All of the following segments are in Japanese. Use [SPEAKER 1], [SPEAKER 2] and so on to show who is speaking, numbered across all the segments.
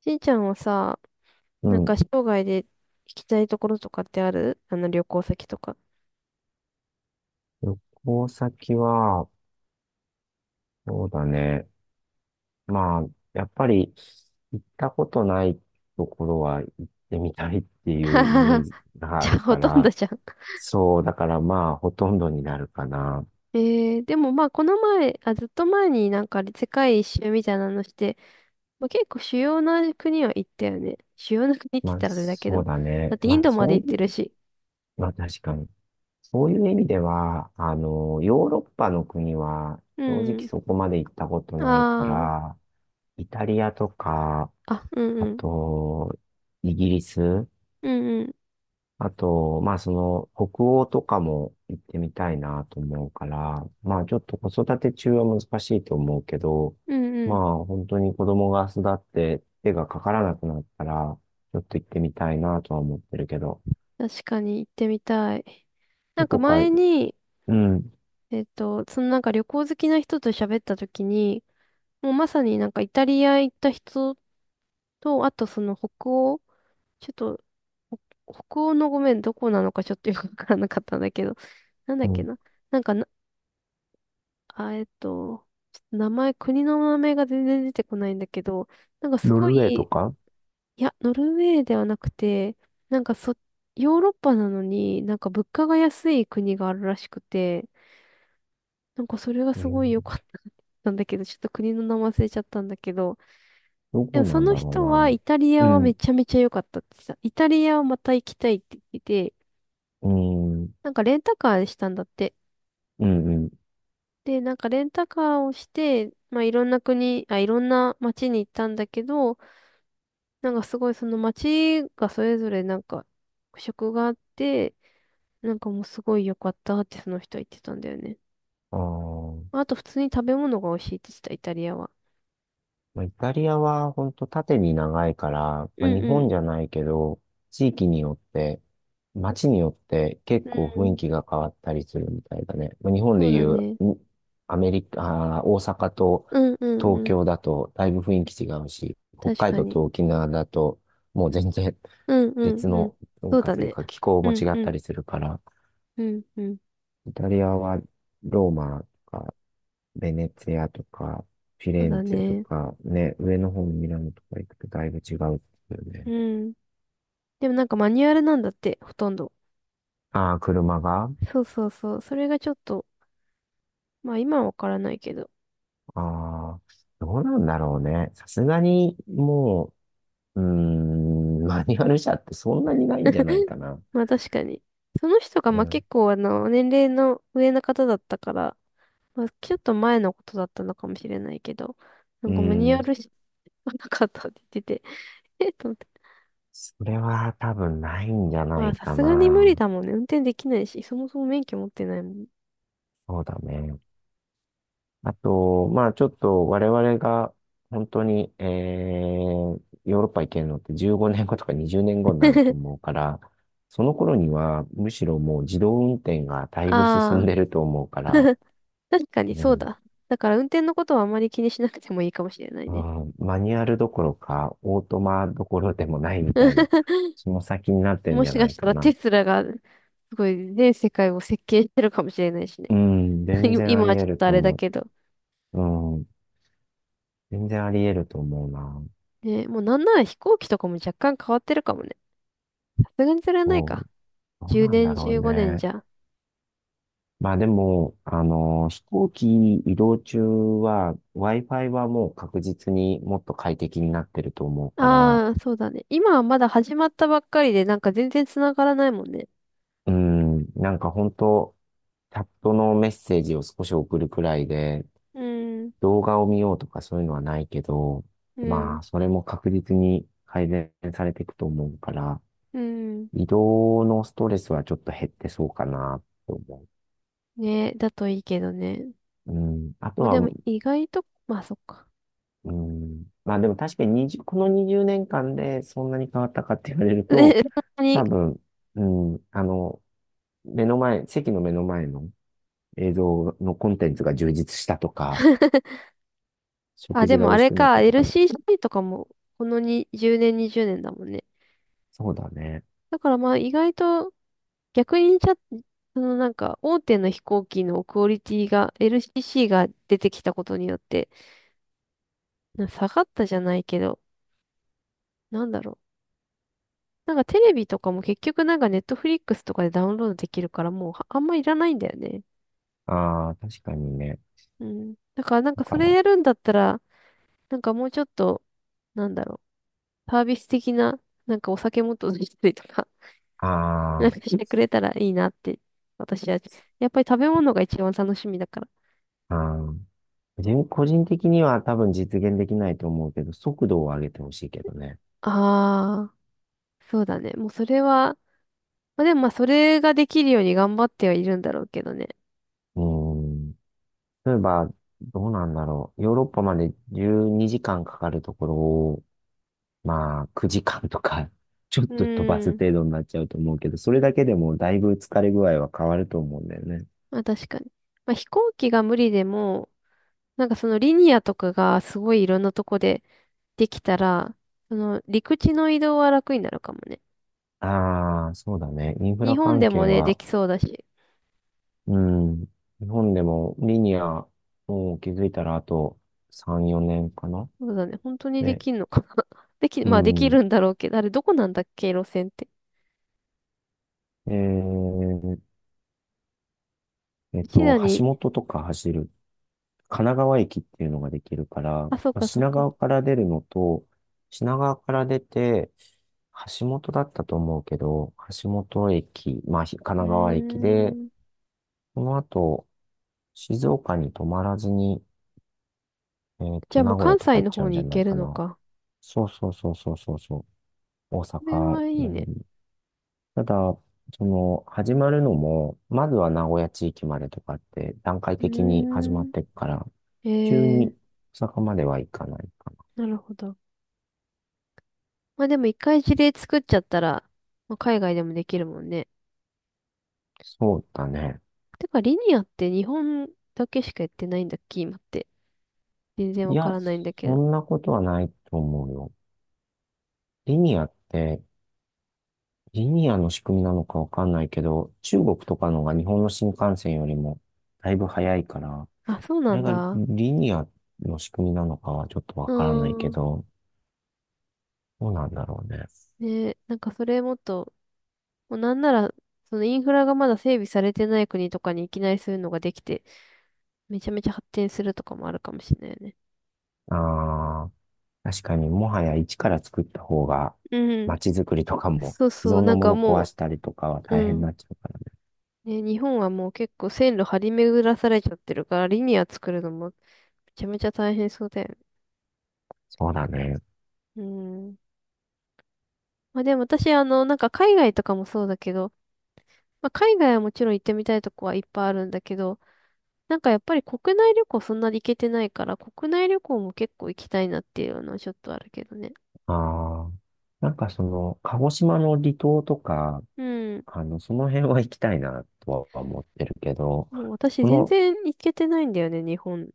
[SPEAKER 1] しんちゃんはさ、
[SPEAKER 2] う
[SPEAKER 1] なんか
[SPEAKER 2] ん。
[SPEAKER 1] 生涯で行きたいところとかってある旅行先とか。
[SPEAKER 2] 旅行先は、そうだね。まあ、やっぱり、行ったことないところは行ってみたいって いう
[SPEAKER 1] は
[SPEAKER 2] イ
[SPEAKER 1] は
[SPEAKER 2] メー
[SPEAKER 1] は。
[SPEAKER 2] ジが
[SPEAKER 1] じ
[SPEAKER 2] あ
[SPEAKER 1] ゃあ
[SPEAKER 2] る
[SPEAKER 1] ほ
[SPEAKER 2] か
[SPEAKER 1] とんど
[SPEAKER 2] ら、
[SPEAKER 1] じゃん。
[SPEAKER 2] そう、だからまあ、ほとんどになるかな。
[SPEAKER 1] でもまあこの前、あ、ずっと前になんか世界一周みたいなのして、まあ、結構主要な国は行ったよね。主要な国って言
[SPEAKER 2] ま
[SPEAKER 1] っ
[SPEAKER 2] あ、
[SPEAKER 1] たらあれだけ
[SPEAKER 2] そう
[SPEAKER 1] ど。
[SPEAKER 2] だ
[SPEAKER 1] だ
[SPEAKER 2] ね。
[SPEAKER 1] ってイン
[SPEAKER 2] まあ、
[SPEAKER 1] ドま
[SPEAKER 2] そ
[SPEAKER 1] で
[SPEAKER 2] う
[SPEAKER 1] 行っ
[SPEAKER 2] い
[SPEAKER 1] て
[SPEAKER 2] う、
[SPEAKER 1] るし。
[SPEAKER 2] まあ、確かに。そういう意味では、ヨーロッパの国は、
[SPEAKER 1] う
[SPEAKER 2] 正直
[SPEAKER 1] ん。
[SPEAKER 2] そこまで行ったことないか
[SPEAKER 1] あ
[SPEAKER 2] ら、イタリアとか、
[SPEAKER 1] あ。あ、うんう
[SPEAKER 2] あ
[SPEAKER 1] ん。
[SPEAKER 2] と、イギリス、
[SPEAKER 1] うんうん。
[SPEAKER 2] あと、まあその、北欧とかも行ってみたいなと思うから、まあちょっと子育て中は難しいと思うけど、
[SPEAKER 1] うんう
[SPEAKER 2] ま
[SPEAKER 1] ん。
[SPEAKER 2] あ本当に子供が育って手がかからなくなったら、ちょっと行ってみたいなとは思ってるけど、
[SPEAKER 1] 確かに行ってみたい。な
[SPEAKER 2] ど
[SPEAKER 1] んか
[SPEAKER 2] こか、
[SPEAKER 1] 前に、
[SPEAKER 2] うん、
[SPEAKER 1] そのなんか旅行好きな人と喋った時に、もうまさになんかイタリア行った人と、あとその北欧、ちょっと、ほ北欧のごめん、どこなのかちょっとよくわからなかったんだけど、なんだっ
[SPEAKER 2] う
[SPEAKER 1] け
[SPEAKER 2] ん、
[SPEAKER 1] な。なんかな、あ、ちょっと名前、国の名前が全然出てこないんだけど、なんかす
[SPEAKER 2] ノ
[SPEAKER 1] ご
[SPEAKER 2] ルウェー
[SPEAKER 1] い、
[SPEAKER 2] とか、
[SPEAKER 1] いや、ノルウェーではなくて、なんかそ、ヨーロッパなのになんか物価が安い国があるらしくて、なんかそれが
[SPEAKER 2] う
[SPEAKER 1] す
[SPEAKER 2] ん、
[SPEAKER 1] ごい良かったんだけど、ちょっと国の名前忘れちゃったんだけど、
[SPEAKER 2] ど
[SPEAKER 1] でも
[SPEAKER 2] こ
[SPEAKER 1] そ
[SPEAKER 2] なん
[SPEAKER 1] の
[SPEAKER 2] だろ
[SPEAKER 1] 人はイタリア
[SPEAKER 2] うな。う
[SPEAKER 1] はめ
[SPEAKER 2] ん、
[SPEAKER 1] ちゃめちゃ良かったってさ、イタリアをまた行きたいって言ってて、
[SPEAKER 2] うん、
[SPEAKER 1] なんかレンタカーしたんだって。
[SPEAKER 2] うん、うん。
[SPEAKER 1] で、なんかレンタカーをして、まあいろんな国、あ、いろんな街に行ったんだけど、なんかすごいその街がそれぞれなんか特色があって、なんかもうすごい良かったってその人は言ってたんだよね。
[SPEAKER 2] あー
[SPEAKER 1] あと普通に食べ物が美味しいって言ってた、イタリアは。
[SPEAKER 2] まあ、イタリアは本当縦に長いから、
[SPEAKER 1] う
[SPEAKER 2] まあ、
[SPEAKER 1] ん
[SPEAKER 2] 日
[SPEAKER 1] うん。
[SPEAKER 2] 本じゃないけど、地域によって、街によって結
[SPEAKER 1] う
[SPEAKER 2] 構雰囲
[SPEAKER 1] ん。
[SPEAKER 2] 気が変わったりするみたいだね。まあ、日本
[SPEAKER 1] そ
[SPEAKER 2] で
[SPEAKER 1] う
[SPEAKER 2] い
[SPEAKER 1] だ
[SPEAKER 2] う、
[SPEAKER 1] ね。
[SPEAKER 2] アメリカ、大阪と
[SPEAKER 1] うんうん
[SPEAKER 2] 東
[SPEAKER 1] うん。
[SPEAKER 2] 京だとだいぶ雰囲気違うし、北
[SPEAKER 1] 確
[SPEAKER 2] 海
[SPEAKER 1] か
[SPEAKER 2] 道
[SPEAKER 1] に。
[SPEAKER 2] と沖縄だともう全然
[SPEAKER 1] うん う
[SPEAKER 2] 別
[SPEAKER 1] んうん。
[SPEAKER 2] の文
[SPEAKER 1] そう
[SPEAKER 2] 化
[SPEAKER 1] だ
[SPEAKER 2] という
[SPEAKER 1] ね。
[SPEAKER 2] か気候
[SPEAKER 1] う
[SPEAKER 2] も
[SPEAKER 1] ん
[SPEAKER 2] 違っ
[SPEAKER 1] う
[SPEAKER 2] た
[SPEAKER 1] ん
[SPEAKER 2] りするから、
[SPEAKER 1] うんうん。
[SPEAKER 2] イタリアはローマとかベネツィアとか、フィ
[SPEAKER 1] そ
[SPEAKER 2] レ
[SPEAKER 1] う
[SPEAKER 2] ン
[SPEAKER 1] だ
[SPEAKER 2] ツェと
[SPEAKER 1] ね。
[SPEAKER 2] か、ね、上の方のミラノとか行くとだいぶ違うっていうね。
[SPEAKER 1] うん。でもなんかマニュアルなんだって、ほとんど。
[SPEAKER 2] ああ、車が
[SPEAKER 1] そうそうそう。それがちょっと、まあ今はわからないけど。
[SPEAKER 2] あどうなんだろうね。さすがに、もう、うーん、マニュアル車ってそんなにないんじゃない かな。
[SPEAKER 1] まあ確かに。その人が
[SPEAKER 2] う
[SPEAKER 1] まあ
[SPEAKER 2] ん。
[SPEAKER 1] 結構年齢の上の方だったから、まあちょっと前のことだったのかもしれないけど、な
[SPEAKER 2] う
[SPEAKER 1] んかマニュア
[SPEAKER 2] ん。
[SPEAKER 1] ルし なかったって言ってて、えっと思って。
[SPEAKER 2] それは多分ないんじゃな
[SPEAKER 1] まあ
[SPEAKER 2] い
[SPEAKER 1] さ
[SPEAKER 2] か
[SPEAKER 1] すがに無理
[SPEAKER 2] な。
[SPEAKER 1] だもんね。運転できないし、そもそも免許持ってないもん。
[SPEAKER 2] そうだね。あと、まあちょっと我々が本当に、ヨーロッパ行けるのって15年後とか20年後になると思 うから、その頃にはむしろもう自動運転がだいぶ進
[SPEAKER 1] あ
[SPEAKER 2] ん
[SPEAKER 1] あ。
[SPEAKER 2] でると思うから、
[SPEAKER 1] 確かに
[SPEAKER 2] う
[SPEAKER 1] そう
[SPEAKER 2] ん、
[SPEAKER 1] だ。だから運転のことはあまり気にしなくてもいいかもしれない
[SPEAKER 2] う
[SPEAKER 1] ね。
[SPEAKER 2] ん、マニュアルどころかオートマどころでもないみたいな、その先になってるん
[SPEAKER 1] も
[SPEAKER 2] じゃ
[SPEAKER 1] しか
[SPEAKER 2] ない
[SPEAKER 1] し
[SPEAKER 2] か
[SPEAKER 1] たらテ
[SPEAKER 2] な。
[SPEAKER 1] スラがすごい全世界を席巻してるかもしれないしね。
[SPEAKER 2] うん、全 然あ
[SPEAKER 1] 今
[SPEAKER 2] り
[SPEAKER 1] はち
[SPEAKER 2] 得
[SPEAKER 1] ょっ
[SPEAKER 2] る
[SPEAKER 1] とあ
[SPEAKER 2] と
[SPEAKER 1] れだ
[SPEAKER 2] 思
[SPEAKER 1] けど。
[SPEAKER 2] う。うん、全然あり得ると思うな。
[SPEAKER 1] ね、もうなんなら飛行機とかも若干変わってるかもね。さすがにそれはない
[SPEAKER 2] もう、
[SPEAKER 1] か。
[SPEAKER 2] どう
[SPEAKER 1] 10
[SPEAKER 2] なんだ
[SPEAKER 1] 年、
[SPEAKER 2] ろう
[SPEAKER 1] 15年
[SPEAKER 2] ね。
[SPEAKER 1] じゃ。
[SPEAKER 2] まあでも、飛行機移動中は Wi-Fi はもう確実にもっと快適になってると思うから、
[SPEAKER 1] ああ、そうだね。今はまだ始まったばっかりで、なんか全然繋がらないもんね。
[SPEAKER 2] うん、なんか本当チャットのメッセージを少し送るくらいで、
[SPEAKER 1] うん、
[SPEAKER 2] 動画を見ようとかそういうのはないけど、
[SPEAKER 1] うん、
[SPEAKER 2] まあそれも確実に改善されていくと思うから、
[SPEAKER 1] うん。
[SPEAKER 2] 移動のストレスはちょっと減ってそうかなって思
[SPEAKER 1] ね、だといいけどね。
[SPEAKER 2] う。うん、あと
[SPEAKER 1] まあ
[SPEAKER 2] は
[SPEAKER 1] でも意外と、まあそっか。
[SPEAKER 2] うん。まあでも確かに20、この20年間でそんなに変わったかって言われる
[SPEAKER 1] ね、
[SPEAKER 2] と、
[SPEAKER 1] そんなに
[SPEAKER 2] 多分、うん、目の前、席の目の前の映像のコンテンツが充実したとか、
[SPEAKER 1] あ、
[SPEAKER 2] 食
[SPEAKER 1] で
[SPEAKER 2] 事が
[SPEAKER 1] も
[SPEAKER 2] 美
[SPEAKER 1] あ
[SPEAKER 2] 味し
[SPEAKER 1] れ
[SPEAKER 2] くなっ
[SPEAKER 1] か、
[SPEAKER 2] たとかだ、
[SPEAKER 1] LCC とかも、このに10年、20年だもんね。
[SPEAKER 2] そうだね。
[SPEAKER 1] だからまあ意外と、逆にちゃ、そのなんか、大手の飛行機のクオリティが、LCC が出てきたことによって、下がったじゃないけど、なんだろう。なんかテレビとかも結局なんかネットフリックスとかでダウンロードできるから、もうはあんまいらないんだよね。
[SPEAKER 2] ああ、確かにね。
[SPEAKER 1] うん。だからなん
[SPEAKER 2] だ
[SPEAKER 1] か
[SPEAKER 2] か
[SPEAKER 1] それ
[SPEAKER 2] ら、
[SPEAKER 1] やるんだったら、なんかもうちょっと、なんだろう。サービス的な、なんかお酒もっと出したりとかなん
[SPEAKER 2] あ
[SPEAKER 1] かしてくれたらいいなって、私は、やっぱり食べ物が一番楽しみだから。
[SPEAKER 2] あ、ああ、個人的には多分実現できないと思うけど、速度を上げてほしいけどね。
[SPEAKER 1] ああ、そうだね。もうそれは、まあでもまあそれができるように頑張ってはいるんだろうけどね。
[SPEAKER 2] うーん。例えば、どうなんだろう。ヨーロッパまで12時間かんかかるところまあ、9時間とか、ちょっ
[SPEAKER 1] う
[SPEAKER 2] と飛ばす
[SPEAKER 1] ーん。
[SPEAKER 2] 程度になっちゃうと思うけど、それだけでもだいぶ疲れ具合は変わると思うんだよね。
[SPEAKER 1] まあ確かに。まあ飛行機が無理でも、なんかそのリニアとかがすごいいろんなとこでできたら、その陸地の移動は楽になるかもね。
[SPEAKER 2] ああ、そうだね。インフ
[SPEAKER 1] 日
[SPEAKER 2] ラ
[SPEAKER 1] 本
[SPEAKER 2] 関
[SPEAKER 1] でも
[SPEAKER 2] 係
[SPEAKER 1] ね、で
[SPEAKER 2] は、
[SPEAKER 1] きそうだし。
[SPEAKER 2] うん、日本でもリニア、もう気づいたらあと3、4年かな。
[SPEAKER 1] そうだね。本当にで
[SPEAKER 2] ね、
[SPEAKER 1] きんのかな。
[SPEAKER 2] う
[SPEAKER 1] まあでき
[SPEAKER 2] ん。
[SPEAKER 1] るんだろうけど、あれどこなんだっけ、路線って。
[SPEAKER 2] えー
[SPEAKER 1] うちらに
[SPEAKER 2] 橋本とか走る神奈川駅っていうのができるから、
[SPEAKER 1] あ、そっ
[SPEAKER 2] まあ、
[SPEAKER 1] かそっ
[SPEAKER 2] 品
[SPEAKER 1] か。
[SPEAKER 2] 川から出るのと、品川から出て、橋本だったと思うけど、橋本駅、まあ、神
[SPEAKER 1] う
[SPEAKER 2] 奈川駅で、
[SPEAKER 1] ーん。
[SPEAKER 2] その後、静岡に泊まらずに、
[SPEAKER 1] じゃあもう
[SPEAKER 2] 名古屋
[SPEAKER 1] 関
[SPEAKER 2] とか
[SPEAKER 1] 西
[SPEAKER 2] 行っ
[SPEAKER 1] の
[SPEAKER 2] ちゃ
[SPEAKER 1] 方
[SPEAKER 2] うん
[SPEAKER 1] に
[SPEAKER 2] じゃ
[SPEAKER 1] 行
[SPEAKER 2] ない
[SPEAKER 1] ける
[SPEAKER 2] か
[SPEAKER 1] の
[SPEAKER 2] な。
[SPEAKER 1] か。
[SPEAKER 2] そうそうそうそうそうそう、大
[SPEAKER 1] これ
[SPEAKER 2] 阪
[SPEAKER 1] はいい
[SPEAKER 2] なの
[SPEAKER 1] ね。
[SPEAKER 2] に。ただ、始まるのも、まずは名古屋地域までとかって、段階
[SPEAKER 1] う
[SPEAKER 2] 的に始ま
[SPEAKER 1] ー
[SPEAKER 2] っ
[SPEAKER 1] ん。
[SPEAKER 2] ていくから、
[SPEAKER 1] え
[SPEAKER 2] 急
[SPEAKER 1] ー、
[SPEAKER 2] に大阪までは行かないか。
[SPEAKER 1] なるほど。まあでも一回事例作っちゃったら、まあ、海外でもできるもんね。
[SPEAKER 2] そうだね。
[SPEAKER 1] てか、リニアって日本だけしかやってないんだっけ今って。全然
[SPEAKER 2] い
[SPEAKER 1] わか
[SPEAKER 2] や、
[SPEAKER 1] らないんだけ
[SPEAKER 2] そ
[SPEAKER 1] ど。
[SPEAKER 2] んなことはないと思うよ。リニアって、リニアの仕組みなのかわかんないけど、中国とかのが日本の新幹線よりもだいぶ早いから、こ
[SPEAKER 1] あ、そうな
[SPEAKER 2] れ
[SPEAKER 1] ん
[SPEAKER 2] が
[SPEAKER 1] だ。
[SPEAKER 2] リニアの仕組みなのかはちょっとわ
[SPEAKER 1] う
[SPEAKER 2] からないけ
[SPEAKER 1] ーん。
[SPEAKER 2] ど、どうなんだろうね。
[SPEAKER 1] ねなんかそれもっと、もうなんなら、そのインフラがまだ整備されてない国とかにいきなりそういうのができて、めちゃめちゃ発展するとかもあるかもしれないよね。
[SPEAKER 2] ああ、確かにもはや一から作った方が、
[SPEAKER 1] うん。
[SPEAKER 2] 街づくりとかも
[SPEAKER 1] そう
[SPEAKER 2] 既
[SPEAKER 1] そ
[SPEAKER 2] 存
[SPEAKER 1] う、
[SPEAKER 2] の
[SPEAKER 1] なん
[SPEAKER 2] も
[SPEAKER 1] か
[SPEAKER 2] の壊
[SPEAKER 1] も
[SPEAKER 2] したりとかは
[SPEAKER 1] う、
[SPEAKER 2] 大変
[SPEAKER 1] う
[SPEAKER 2] に
[SPEAKER 1] ん。
[SPEAKER 2] なっちゃうからね。
[SPEAKER 1] ね、日本はもう結構線路張り巡らされちゃってるから、リニア作るのもめちゃめちゃ大変そうだよね。
[SPEAKER 2] そうだね。
[SPEAKER 1] うん。まあでも私、なんか海外とかもそうだけど、まあ海外はもちろん行ってみたいとこはいっぱいあるんだけど、なんかやっぱり国内旅行そんなに行けてないから、国内旅行も結構行きたいなっていうのはちょっとあるけどね。
[SPEAKER 2] ああ、なんか鹿児島の離島とか、
[SPEAKER 1] うん。
[SPEAKER 2] その辺は行きたいなとは思ってるけど、
[SPEAKER 1] もう私
[SPEAKER 2] こ
[SPEAKER 1] 全
[SPEAKER 2] の、
[SPEAKER 1] 然行けてないんだよね、日本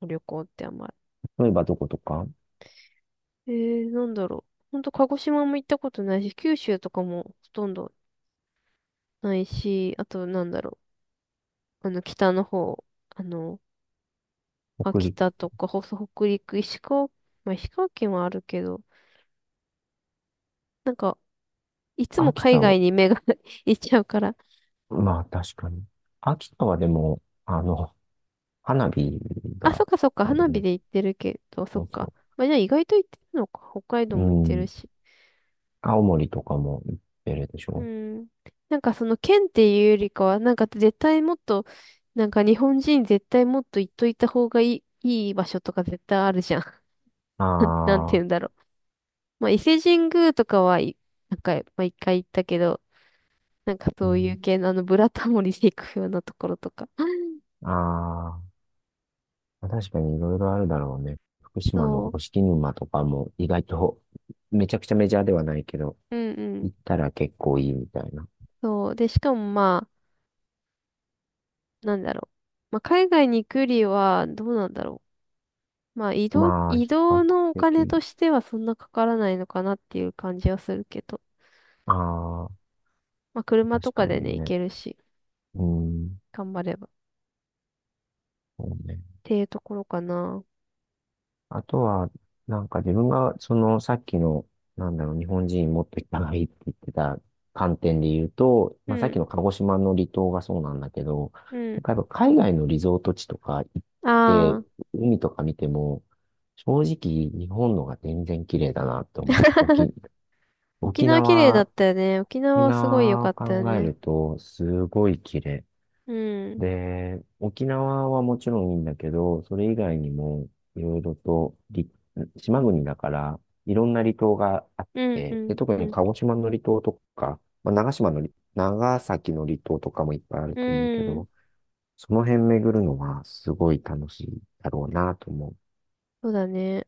[SPEAKER 1] の旅行ってあんまり。
[SPEAKER 2] 例えばどことか、
[SPEAKER 1] なんだろう。ほんと、鹿児島も行ったことないし、九州とかもほとんどないし、あと、なんだろう。北の方、あの、
[SPEAKER 2] 北
[SPEAKER 1] 秋
[SPEAKER 2] 陸、
[SPEAKER 1] 田とか、北陸、石川、まあ、石川県はあるけど、なんか、いつも
[SPEAKER 2] 秋
[SPEAKER 1] 海
[SPEAKER 2] 田
[SPEAKER 1] 外
[SPEAKER 2] を、
[SPEAKER 1] に目が 行っちゃうから。
[SPEAKER 2] まあ確かに。秋田はでも、花火
[SPEAKER 1] あ、そ
[SPEAKER 2] が、
[SPEAKER 1] っかそっか、
[SPEAKER 2] あれだ
[SPEAKER 1] 花
[SPEAKER 2] よ
[SPEAKER 1] 火
[SPEAKER 2] ね、
[SPEAKER 1] で行ってるけど、そ
[SPEAKER 2] そ
[SPEAKER 1] っ
[SPEAKER 2] う
[SPEAKER 1] か。
[SPEAKER 2] そ
[SPEAKER 1] まあ、じゃあ意外と行ってるのか。北海道
[SPEAKER 2] う。
[SPEAKER 1] も行っ
[SPEAKER 2] う
[SPEAKER 1] てる
[SPEAKER 2] ん、
[SPEAKER 1] し。
[SPEAKER 2] 青森とかも行ってるでし
[SPEAKER 1] う
[SPEAKER 2] ょ。
[SPEAKER 1] ん。なんかその県っていうよりかは、なんか絶対もっと、なんか日本人絶対もっと行っといた方がいい、いい場所とか絶対あるじゃん。なんなんて言
[SPEAKER 2] あ
[SPEAKER 1] うん
[SPEAKER 2] あ、
[SPEAKER 1] だろう。まあ伊勢神宮とかはい、なんか、まあ一回行ったけど、なんか
[SPEAKER 2] う
[SPEAKER 1] そうい
[SPEAKER 2] ん、
[SPEAKER 1] う系のあのブラタモリで行くようなところとか。
[SPEAKER 2] ああ、確かにいろいろあるだろうね。福島の
[SPEAKER 1] そ
[SPEAKER 2] 五色沼とかも意外とめちゃくちゃメジャーではないけど、
[SPEAKER 1] う。うんうん。
[SPEAKER 2] 行ったら結構いいみたいな。
[SPEAKER 1] そう。で、しかもまあ、なんだろう。まあ海外に行くよりは、どうなんだろう。まあ
[SPEAKER 2] まあ、
[SPEAKER 1] 移
[SPEAKER 2] 比較
[SPEAKER 1] 動のお金
[SPEAKER 2] 的、
[SPEAKER 1] としてはそんなかからないのかなっていう感じはするけど。
[SPEAKER 2] ああ、
[SPEAKER 1] まあ、車と
[SPEAKER 2] 確
[SPEAKER 1] か
[SPEAKER 2] か
[SPEAKER 1] でね、
[SPEAKER 2] に
[SPEAKER 1] 行
[SPEAKER 2] ね。
[SPEAKER 1] けるし、
[SPEAKER 2] うん、
[SPEAKER 1] 頑張れば。っ
[SPEAKER 2] そうね。
[SPEAKER 1] ていうところかな。
[SPEAKER 2] あとは、なんか自分が、さっきの、なんだろう、日本人もっといっぱいって言ってた観点で言うと、
[SPEAKER 1] う
[SPEAKER 2] まあさっき
[SPEAKER 1] ん。
[SPEAKER 2] の鹿児島の離島がそうなんだけど、
[SPEAKER 1] う
[SPEAKER 2] なん
[SPEAKER 1] ん。
[SPEAKER 2] かやっぱ海外のリゾート地とか行っ
[SPEAKER 1] あ
[SPEAKER 2] て、
[SPEAKER 1] あ、
[SPEAKER 2] 海とか見ても、正直日本のが全然綺麗だなと思う。
[SPEAKER 1] 沖
[SPEAKER 2] 沖
[SPEAKER 1] 縄綺麗だっ
[SPEAKER 2] 縄
[SPEAKER 1] たよね。沖
[SPEAKER 2] 沖
[SPEAKER 1] 縄すごい良
[SPEAKER 2] 縄
[SPEAKER 1] か
[SPEAKER 2] を
[SPEAKER 1] ったよ
[SPEAKER 2] 考え
[SPEAKER 1] ね。
[SPEAKER 2] ると、すごい綺麗。
[SPEAKER 1] うん。
[SPEAKER 2] で、沖縄はもちろんいいんだけど、それ以外にも、いろいろとり、島国だから、いろんな離島があっ
[SPEAKER 1] うん、う
[SPEAKER 2] て、で、
[SPEAKER 1] ん、
[SPEAKER 2] 特
[SPEAKER 1] う
[SPEAKER 2] に
[SPEAKER 1] ん。
[SPEAKER 2] 鹿児島の離島とか、まあ、長崎の離島とかもいっぱいある
[SPEAKER 1] う
[SPEAKER 2] と思うけ
[SPEAKER 1] ん。
[SPEAKER 2] ど、その辺巡るのはすごい楽しいだろうなと思う。
[SPEAKER 1] そうだね。